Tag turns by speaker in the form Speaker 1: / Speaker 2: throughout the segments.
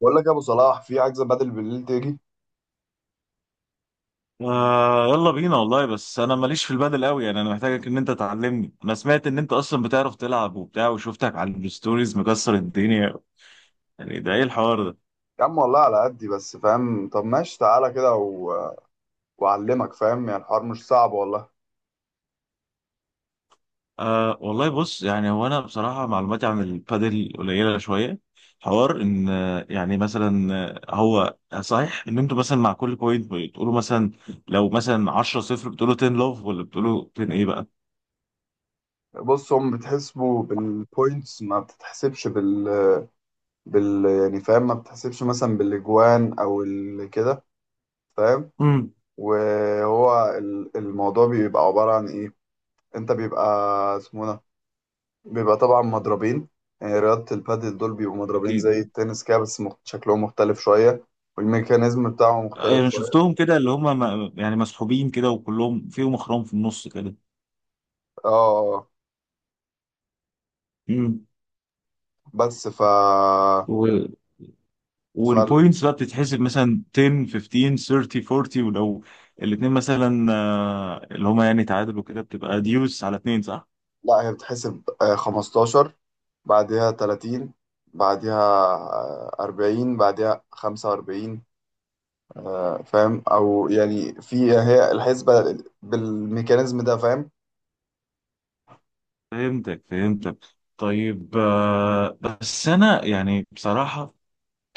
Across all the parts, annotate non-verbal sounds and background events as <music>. Speaker 1: بقول لك يا ابو صلاح، في عجزه بدل بالليل تيجي.
Speaker 2: آه يلا بينا والله، بس انا ماليش في البادل قوي. يعني انا محتاجك ان انت تعلمني. انا سمعت ان انت اصلا بتعرف تلعب وبتاع، وشفتك على الستوريز مكسر الدنيا. يعني ده ايه الحوار ده؟
Speaker 1: يا عم والله على قدي، بس فاهم. طب ماشي تعالى كده واعلمك. فاهم يعني الحوار مش صعب والله.
Speaker 2: آه والله، بص يعني هو انا بصراحة معلوماتي عن البادل قليلة شوية. حوار ان يعني مثلا، هو صحيح ان انتوا مثلا مع كل بوينت بتقولوا مثلا لو مثلا 10 صفر بتقولوا 10 لوف، ولا بتقولوا 10 ايه بقى؟
Speaker 1: بص، هم بتحسبوا بالبوينتس، ما بتتحسبش بال يعني، فاهم. ما بتحسبش مثلا بالاجوان او كده، فاهم.
Speaker 2: امم.
Speaker 1: وهو الموضوع بيبقى عباره عن ايه. انت بيبقى اسمه ده، بيبقى طبعا مضربين. يعني رياضه البادل دول بيبقوا مضربين
Speaker 2: أكيد.
Speaker 1: زي التنس كده، بس شكلهم مختلف شويه. والميكانيزم بتاعهم مختلف
Speaker 2: انا
Speaker 1: شوية.
Speaker 2: شفتهم كده، اللي هم يعني مسحوبين كده وكلهم فيهم اخرام في النص كده.
Speaker 1: اه، آه.
Speaker 2: امم
Speaker 1: بس ف
Speaker 2: و...
Speaker 1: ف
Speaker 2: والبوينتس بقى بتتحسب مثلا 10، 15، 30، 40، ولو الاثنين مثلا اللي هم يعني تعادلوا كده، بتبقى ديوس على اثنين، صح؟
Speaker 1: لا، هي بتحسب 15، بعدها 30، بعدها 40، بعدها 45. فاهم، او يعني في هي الحسبة بالميكانيزم ده، فاهم.
Speaker 2: فهمتك، فهمتك. طيب بس انا يعني بصراحة،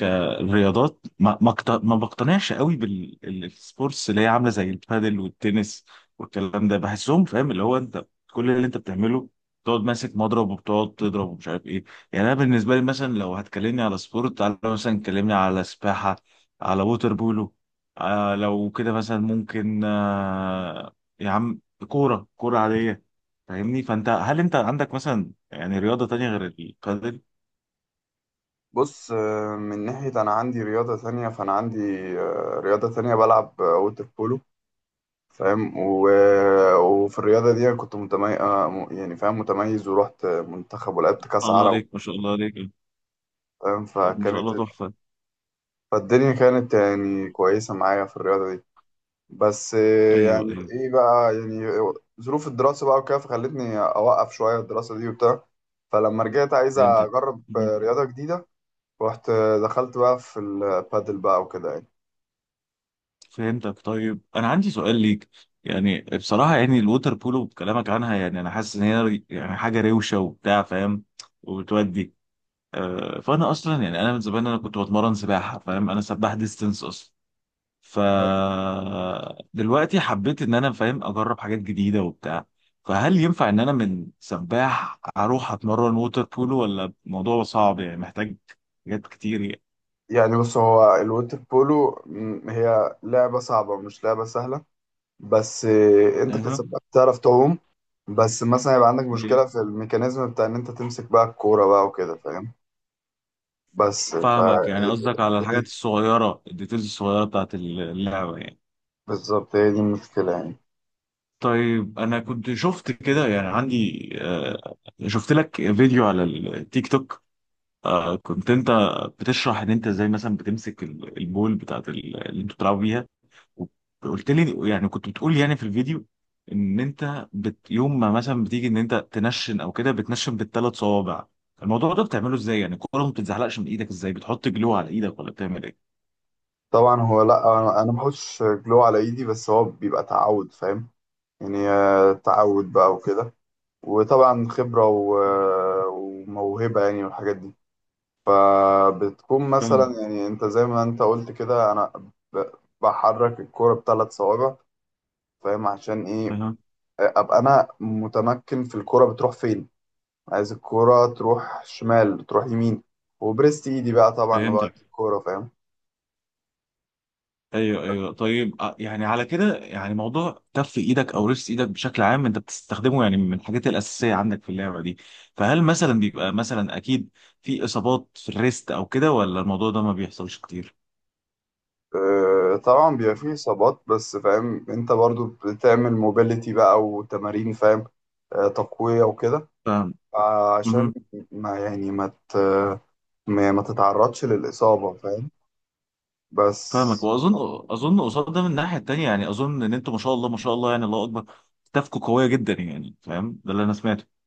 Speaker 2: الرياضات ما بقتنعش قوي بالسبورتس اللي هي عامله زي البادل والتنس والكلام ده. بحسهم فاهم، اللي هو انت كل اللي انت بتعمله بتقعد ماسك مضرب وبتقعد تضرب ومش عارف ايه. يعني انا بالنسبه لي مثلا، لو هتكلمني على سبورت، تعالى مثلا كلمني على سباحه، على ووتر بولو. آه لو كده مثلا ممكن، يا عم كوره كوره عاديه. فاهمني؟ فانت هل انت عندك مثلا يعني رياضه تانية غير البادل؟
Speaker 1: بص، من ناحية أنا عندي رياضة ثانية، فأنا عندي رياضة ثانية، بلعب ووتر بولو، فاهم. وفي الرياضة دي أنا كنت متميز، يعني فاهم، متميز. ورحت منتخب
Speaker 2: ما
Speaker 1: ولعبت
Speaker 2: شاء
Speaker 1: كأس
Speaker 2: الله
Speaker 1: عرب،
Speaker 2: عليك، ما شاء الله عليك.
Speaker 1: فاهم.
Speaker 2: طب ما شاء الله، تحفة.
Speaker 1: فالدنيا كانت يعني كويسة معايا في الرياضة دي. بس يعني
Speaker 2: ايوه، ايوه.
Speaker 1: ايه بقى، يعني ظروف الدراسة بقى وكده، فخلتني أوقف شوية الدراسة دي وبتاع. فلما رجعت عايز
Speaker 2: فهمتك
Speaker 1: أجرب
Speaker 2: <laughs> مم.
Speaker 1: رياضة جديدة. رحت دخلت بقى في البادل بقى وكده يعني.
Speaker 2: فهمتك. طيب انا عندي سؤال ليك، يعني بصراحة يعني الووتر بولو بكلامك عنها، يعني انا حاسس ان هي يعني حاجة روشة وبتاع فاهم، وبتودي. فانا اصلا يعني انا من زمان انا كنت بتمرن سباحة فاهم، انا سباح ديستنس اصلا. ف دلوقتي حبيت ان انا فاهم اجرب حاجات جديدة وبتاع. فهل ينفع ان انا من سباح اروح اتمرن ووتر بولو، ولا الموضوع صعب يعني محتاج حاجات كتير يعني؟
Speaker 1: يعني بص، هو الوتر بولو هي لعبة صعبة، مش لعبة سهلة. بس انت
Speaker 2: اها.
Speaker 1: كسبت تعرف تعوم، بس مثلا يبقى عندك
Speaker 2: إيه.
Speaker 1: مشكلة في الميكانيزم بتاع ان انت تمسك بقى الكورة بقى وكده، فاهم. بس ف
Speaker 2: فاهمك، يعني قصدك على الحاجات الصغيرة، الديتيلز الصغيرة بتاعت اللعبة يعني.
Speaker 1: بالظبط، هي دي المشكلة يعني.
Speaker 2: طيب أنا كنت شفت كده، يعني عندي شفت لك فيديو على التيك توك. كنت أنت بتشرح إن أنت إزاي مثلا بتمسك البول بتاعت اللي أنتوا بتلعبوا بيها. وقلت لي، يعني كنت بتقول يعني في الفيديو، إن أنت يوم ما مثلا بتيجي إن أنت تنشن أو كده، بتنشن بالثلاث صوابع. الموضوع ده بتعمله إزاي؟ يعني الكورة ما بتتزحلقش من إيدك إزاي؟ بتحط جلو على إيدك ولا بتعمل إيه؟
Speaker 1: طبعا هو، لا أنا ما بحطش جلو على ايدي، بس هو بيبقى تعود، فاهم. يعني تعود بقى وكده. وطبعا خبرة وموهبة، يعني والحاجات دي. فبتكون
Speaker 2: فاهم.
Speaker 1: مثلا يعني انت زي ما انت قلت كده، انا ب- بحرك الكورة بثلاث صوابع، فاهم. عشان ايه؟
Speaker 2: أها.
Speaker 1: ابقى انا متمكن في الكورة بتروح فين، عايز الكورة تروح شمال تروح يمين. وبرست ايدي بقى طبعا
Speaker 2: فهمتك.
Speaker 1: وقت الكورة، فاهم.
Speaker 2: ايوه، ايوه. طيب يعني على كده يعني موضوع كف ايدك او ريست ايدك بشكل عام انت بتستخدمه يعني من الحاجات الاساسيه عندك في اللعبه دي. فهل مثلا بيبقى مثلا، اكيد، في اصابات في الريست او كده، ولا الموضوع ده ما بيحصلش كتير؟
Speaker 1: طبعا بيبقى فيه إصابات، بس فاهم، أنت برضو بتعمل موبيليتي بقى وتمارين، فاهم، تقوية وكده.
Speaker 2: فاهم.
Speaker 1: عشان
Speaker 2: مهم.
Speaker 1: ما يعني ما ت... ما ما تتعرضش للإصابة، فاهم. بس
Speaker 2: فاهمك، واظن قصاد ده من الناحيه التانيه، يعني اظن ان انتوا ما شاء الله، ما شاء الله، يعني الله اكبر، ستافكوا قويه جدا يعني فاهم، ده اللي انا سمعته.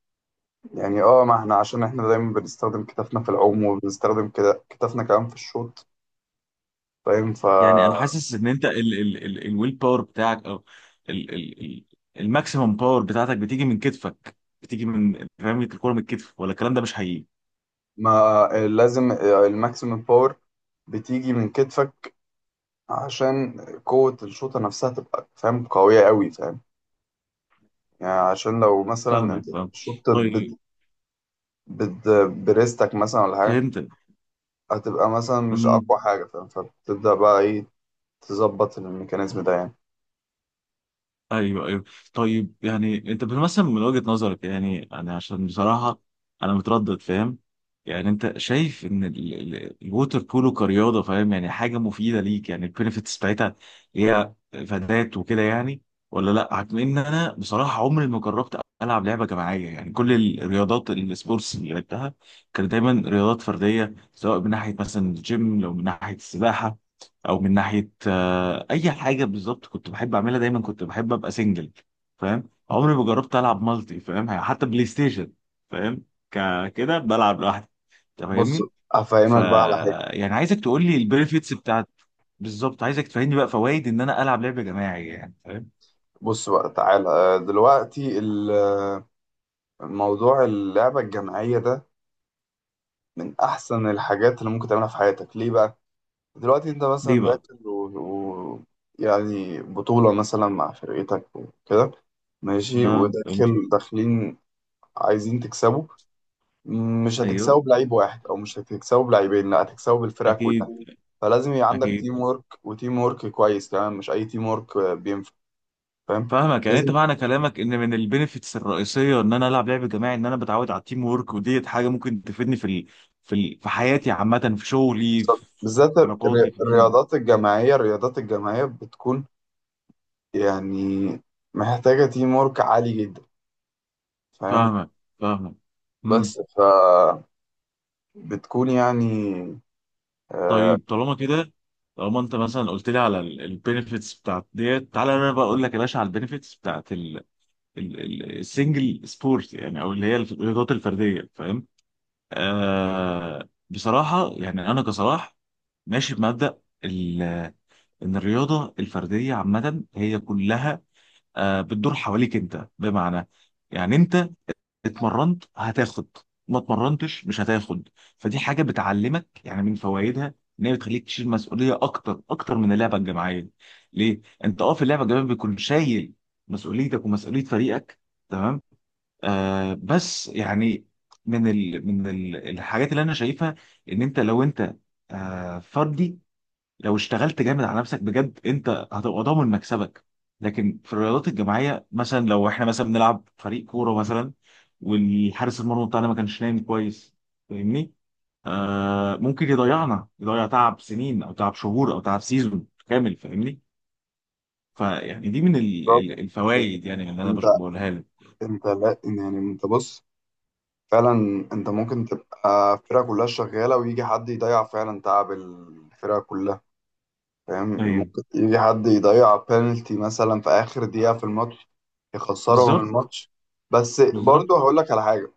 Speaker 1: يعني، اه، ما احنا عشان احنا دايما بنستخدم كتافنا في العوم، وبنستخدم كده كتافنا كمان في الشوط، فاهم.
Speaker 2: يعني انا
Speaker 1: فما
Speaker 2: حاسس ان انت ال ال ال الويل باور بتاعك، او ال ال ال الماكسيمم باور بتاعتك بتيجي من كتفك، بتيجي من فاهم الكوره من الكتف، ولا الكلام ده مش حقيقي؟
Speaker 1: لازم. الماكسيمم باور بتيجي من كتفك، عشان قوة الشوطة نفسها تبقى، فاهم، قوية قوي، فاهم. يعني عشان لو مثلا انت
Speaker 2: فاهمك، فاهم.
Speaker 1: شطت
Speaker 2: طيب
Speaker 1: بد... بريستك مثلا ولا حاجة،
Speaker 2: فهمت.
Speaker 1: هتبقى مثلا مش أقوى حاجة، فاهم. فبتبدأ بقى إيه؟ تظبط الميكانيزم ده يعني.
Speaker 2: ايوه، ايوه. طيب يعني انت بتمثل من وجهة نظرك، يعني انا عشان بصراحة انا متردد فاهم، يعني انت شايف ان الووتر بولو كرياضة فاهم، يعني حاجة مفيدة ليك، يعني البينفيتس بتاعتها هي فادات وكده يعني، ولا لا عكم ان انا بصراحة عمري ما جربت العب لعبة جماعية؟ يعني كل الرياضات، السبورتس اللي لعبتها كانت دايما رياضات فردية، سواء من ناحية مثلا الجيم، لو من ناحية السباحة، او من ناحيه اي حاجه بالظبط، كنت بحب اعملها دايما، كنت بحب ابقى سنجل فاهم، عمري ما جربت العب مالتي فاهم، يعني حتى بلاي ستيشن فاهم، كده بلعب لوحدي. انت
Speaker 1: بص،
Speaker 2: فاهمني؟ ف
Speaker 1: هفهمك بقى على حاجة.
Speaker 2: يعني عايزك تقول لي البنفيتس بتاعت، بالظبط عايزك تفهمني بقى فوائد ان انا العب لعبه جماعيه يعني فاهم.
Speaker 1: بص بقى تعالى دلوقتي الموضوع، اللعبة الجماعية ده من أحسن الحاجات اللي ممكن تعملها في حياتك، ليه بقى؟ دلوقتي أنت
Speaker 2: ليه
Speaker 1: مثلا
Speaker 2: بقى؟
Speaker 1: داخل و... يعني بطولة مثلا مع فرقتك وكده، ماشي،
Speaker 2: اه فهمت.
Speaker 1: وداخل داخلين عايزين تكسبوا. مش
Speaker 2: ايوه.
Speaker 1: هتكسبه بلعيب واحد، او مش هتكسبه بلعيبين، لا، هتكسبه بالفرقه كلها.
Speaker 2: اكيد،
Speaker 1: فلازم يبقى عندك تيم
Speaker 2: اكيد.
Speaker 1: ورك، وتيم ورك كويس كمان، مش اي تيم ورك بينفع، فاهم،
Speaker 2: فاهمك، يعني انت
Speaker 1: لازم.
Speaker 2: معنى كلامك ان من البينيفيتس الرئيسيه ان انا العب لعب جماعي ان انا بتعود على التيم وورك، وديت حاجه ممكن تفيدني في في حياتي عامه، في شغلي،
Speaker 1: بالظبط.
Speaker 2: في
Speaker 1: بالذات
Speaker 2: علاقاتي، في...
Speaker 1: الرياضات الجماعيه بتكون يعني محتاجه تيم ورك عالي جدا، فاهم.
Speaker 2: فاهمك، فاهمك. امم.
Speaker 1: بس ف بتكون يعني، آه.
Speaker 2: طيب، طالما كده، طالما انت مثلا قلت لي على البينيفيتس بتاعت ديت، تعالى انا بقى اقول لك يا باشا على البينيفيتس بتاعت السنجل سبورت، يعني او اللي هي الرياضات الفرديه فاهم. آه بصراحه يعني انا كصلاح ماشي بمبدا ان الرياضه الفرديه عامه هي كلها، بتدور حواليك انت، بمعنى يعني انت اتمرنت هتاخد، ما اتمرنتش مش هتاخد. فدي حاجه بتعلمك يعني، من فوائدها ان هي بتخليك تشيل مسؤوليه اكتر اكتر من اللعبه الجماعيه. ليه؟ انت في اللعبه الجماعيه بيكون شايل مسؤوليتك ومسؤوليه فريقك، تمام؟ بس يعني من الحاجات اللي انا شايفها، ان انت لو انت فردي، لو اشتغلت جامد على نفسك بجد، انت هتبقى ضامن مكسبك. لكن في الرياضات الجماعيه مثلا، لو احنا مثلا بنلعب فريق كوره مثلا، والحارس المرمى بتاعنا ما كانش نايم كويس، فاهمني؟ ممكن يضيعنا، يضيع تعب سنين او تعب شهور او تعب سيزون كامل، فاهمني؟ فيعني دي من
Speaker 1: بالظبط.
Speaker 2: الفوائد يعني اللي انا
Speaker 1: انت
Speaker 2: بقولها لك.
Speaker 1: انت لا يعني، انت بص، فعلا انت ممكن تبقى الفرقة كلها شغالة ويجي حد يضيع فعلا تعب الفرقة كلها، فاهم.
Speaker 2: ايوه،
Speaker 1: ممكن يجي حد يضيع بينالتي مثلا في آخر دقيقة في الماتش، يخسرهم
Speaker 2: بالظبط،
Speaker 1: الماتش. بس
Speaker 2: بالظبط.
Speaker 1: برضه هقول لك على حاجة.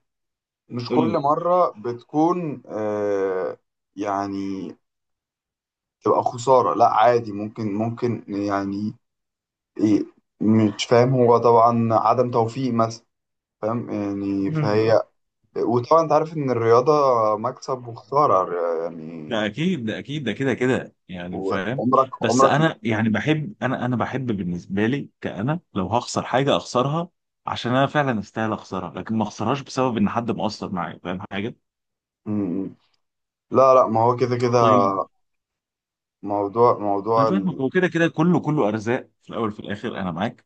Speaker 1: مش
Speaker 2: قول
Speaker 1: كل
Speaker 2: لي.
Speaker 1: مرة بتكون آه، يعني تبقى خسارة، لا عادي، ممكن يعني. ايه، مش فاهم، هو طبعا عدم توفيق مثلا، فاهم يعني،
Speaker 2: مم.
Speaker 1: فهي. وطبعا انت عارف ان الرياضة مكسب وخسارة يعني.
Speaker 2: ده اكيد، ده اكيد، ده كده كده يعني فاهم.
Speaker 1: وعمرك
Speaker 2: بس
Speaker 1: عمرك.
Speaker 2: انا يعني بحب، انا بحب بالنسبه لي كأنا، لو هخسر حاجه اخسرها عشان انا فعلا استاهل اخسرها، لكن ما اخسرهاش بسبب ان حد مقصر معايا فاهم حاجه.
Speaker 1: مم. لا، لا، ما هو كده كده.
Speaker 2: طيب.
Speaker 1: موضوع
Speaker 2: انا
Speaker 1: موضوع
Speaker 2: فاهمك،
Speaker 1: ال-
Speaker 2: هو كده كده، كله كله ارزاق في الاول وفي الاخر، انا معاك.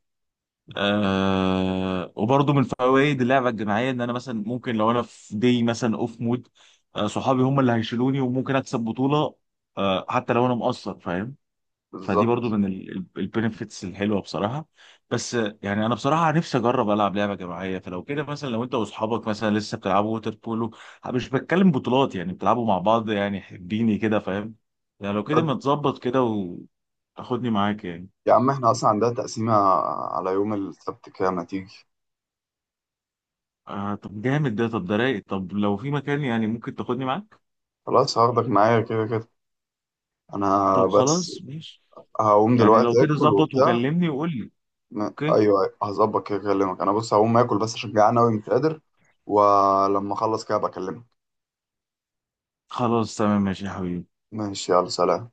Speaker 2: وبرضه من فوائد اللعبه الجماعيه ان انا مثلا ممكن لو انا في دي مثلا اوف مود، صحابي هم اللي هيشيلوني وممكن اكسب بطوله، حتى لو انا مقصر فاهم. فدي برضو
Speaker 1: بالظبط.
Speaker 2: من البنفيتس الحلوه بصراحه. بس يعني انا بصراحه نفسي اجرب العب لعبه جماعيه، فلو كده مثلا، لو انت واصحابك مثلا لسه بتلعبوا ووتر بولو، مش بتكلم بطولات يعني، بتلعبوا مع بعض يعني، حبيني كده فاهم، يعني لو كده
Speaker 1: طب
Speaker 2: متظبط كده وتاخدني معاك يعني.
Speaker 1: يا عم احنا اصلا عندنا تقسيمة على يوم السبت، كده ما تيجي.
Speaker 2: آه طب جامد ده، طب ده رايق. طب لو في مكان يعني ممكن تاخدني معاك.
Speaker 1: خلاص، هاخدك معايا كده كده. انا
Speaker 2: طب
Speaker 1: بس
Speaker 2: خلاص ماشي.
Speaker 1: هقوم
Speaker 2: يعني لو
Speaker 1: دلوقتي
Speaker 2: كده
Speaker 1: اكل
Speaker 2: ظبط
Speaker 1: وبتاع.
Speaker 2: وكلمني وقول لي.
Speaker 1: م-
Speaker 2: اوكي.
Speaker 1: ايوه، أيوة، هظبط كده اكلمك. انا بص هقوم اكل بس عشان جعان اوي مش قادر. ولما اخلص كده بكلمك.
Speaker 2: خلاص، تمام، ماشي يا حبيبي.
Speaker 1: ماشي، يلا، سلام.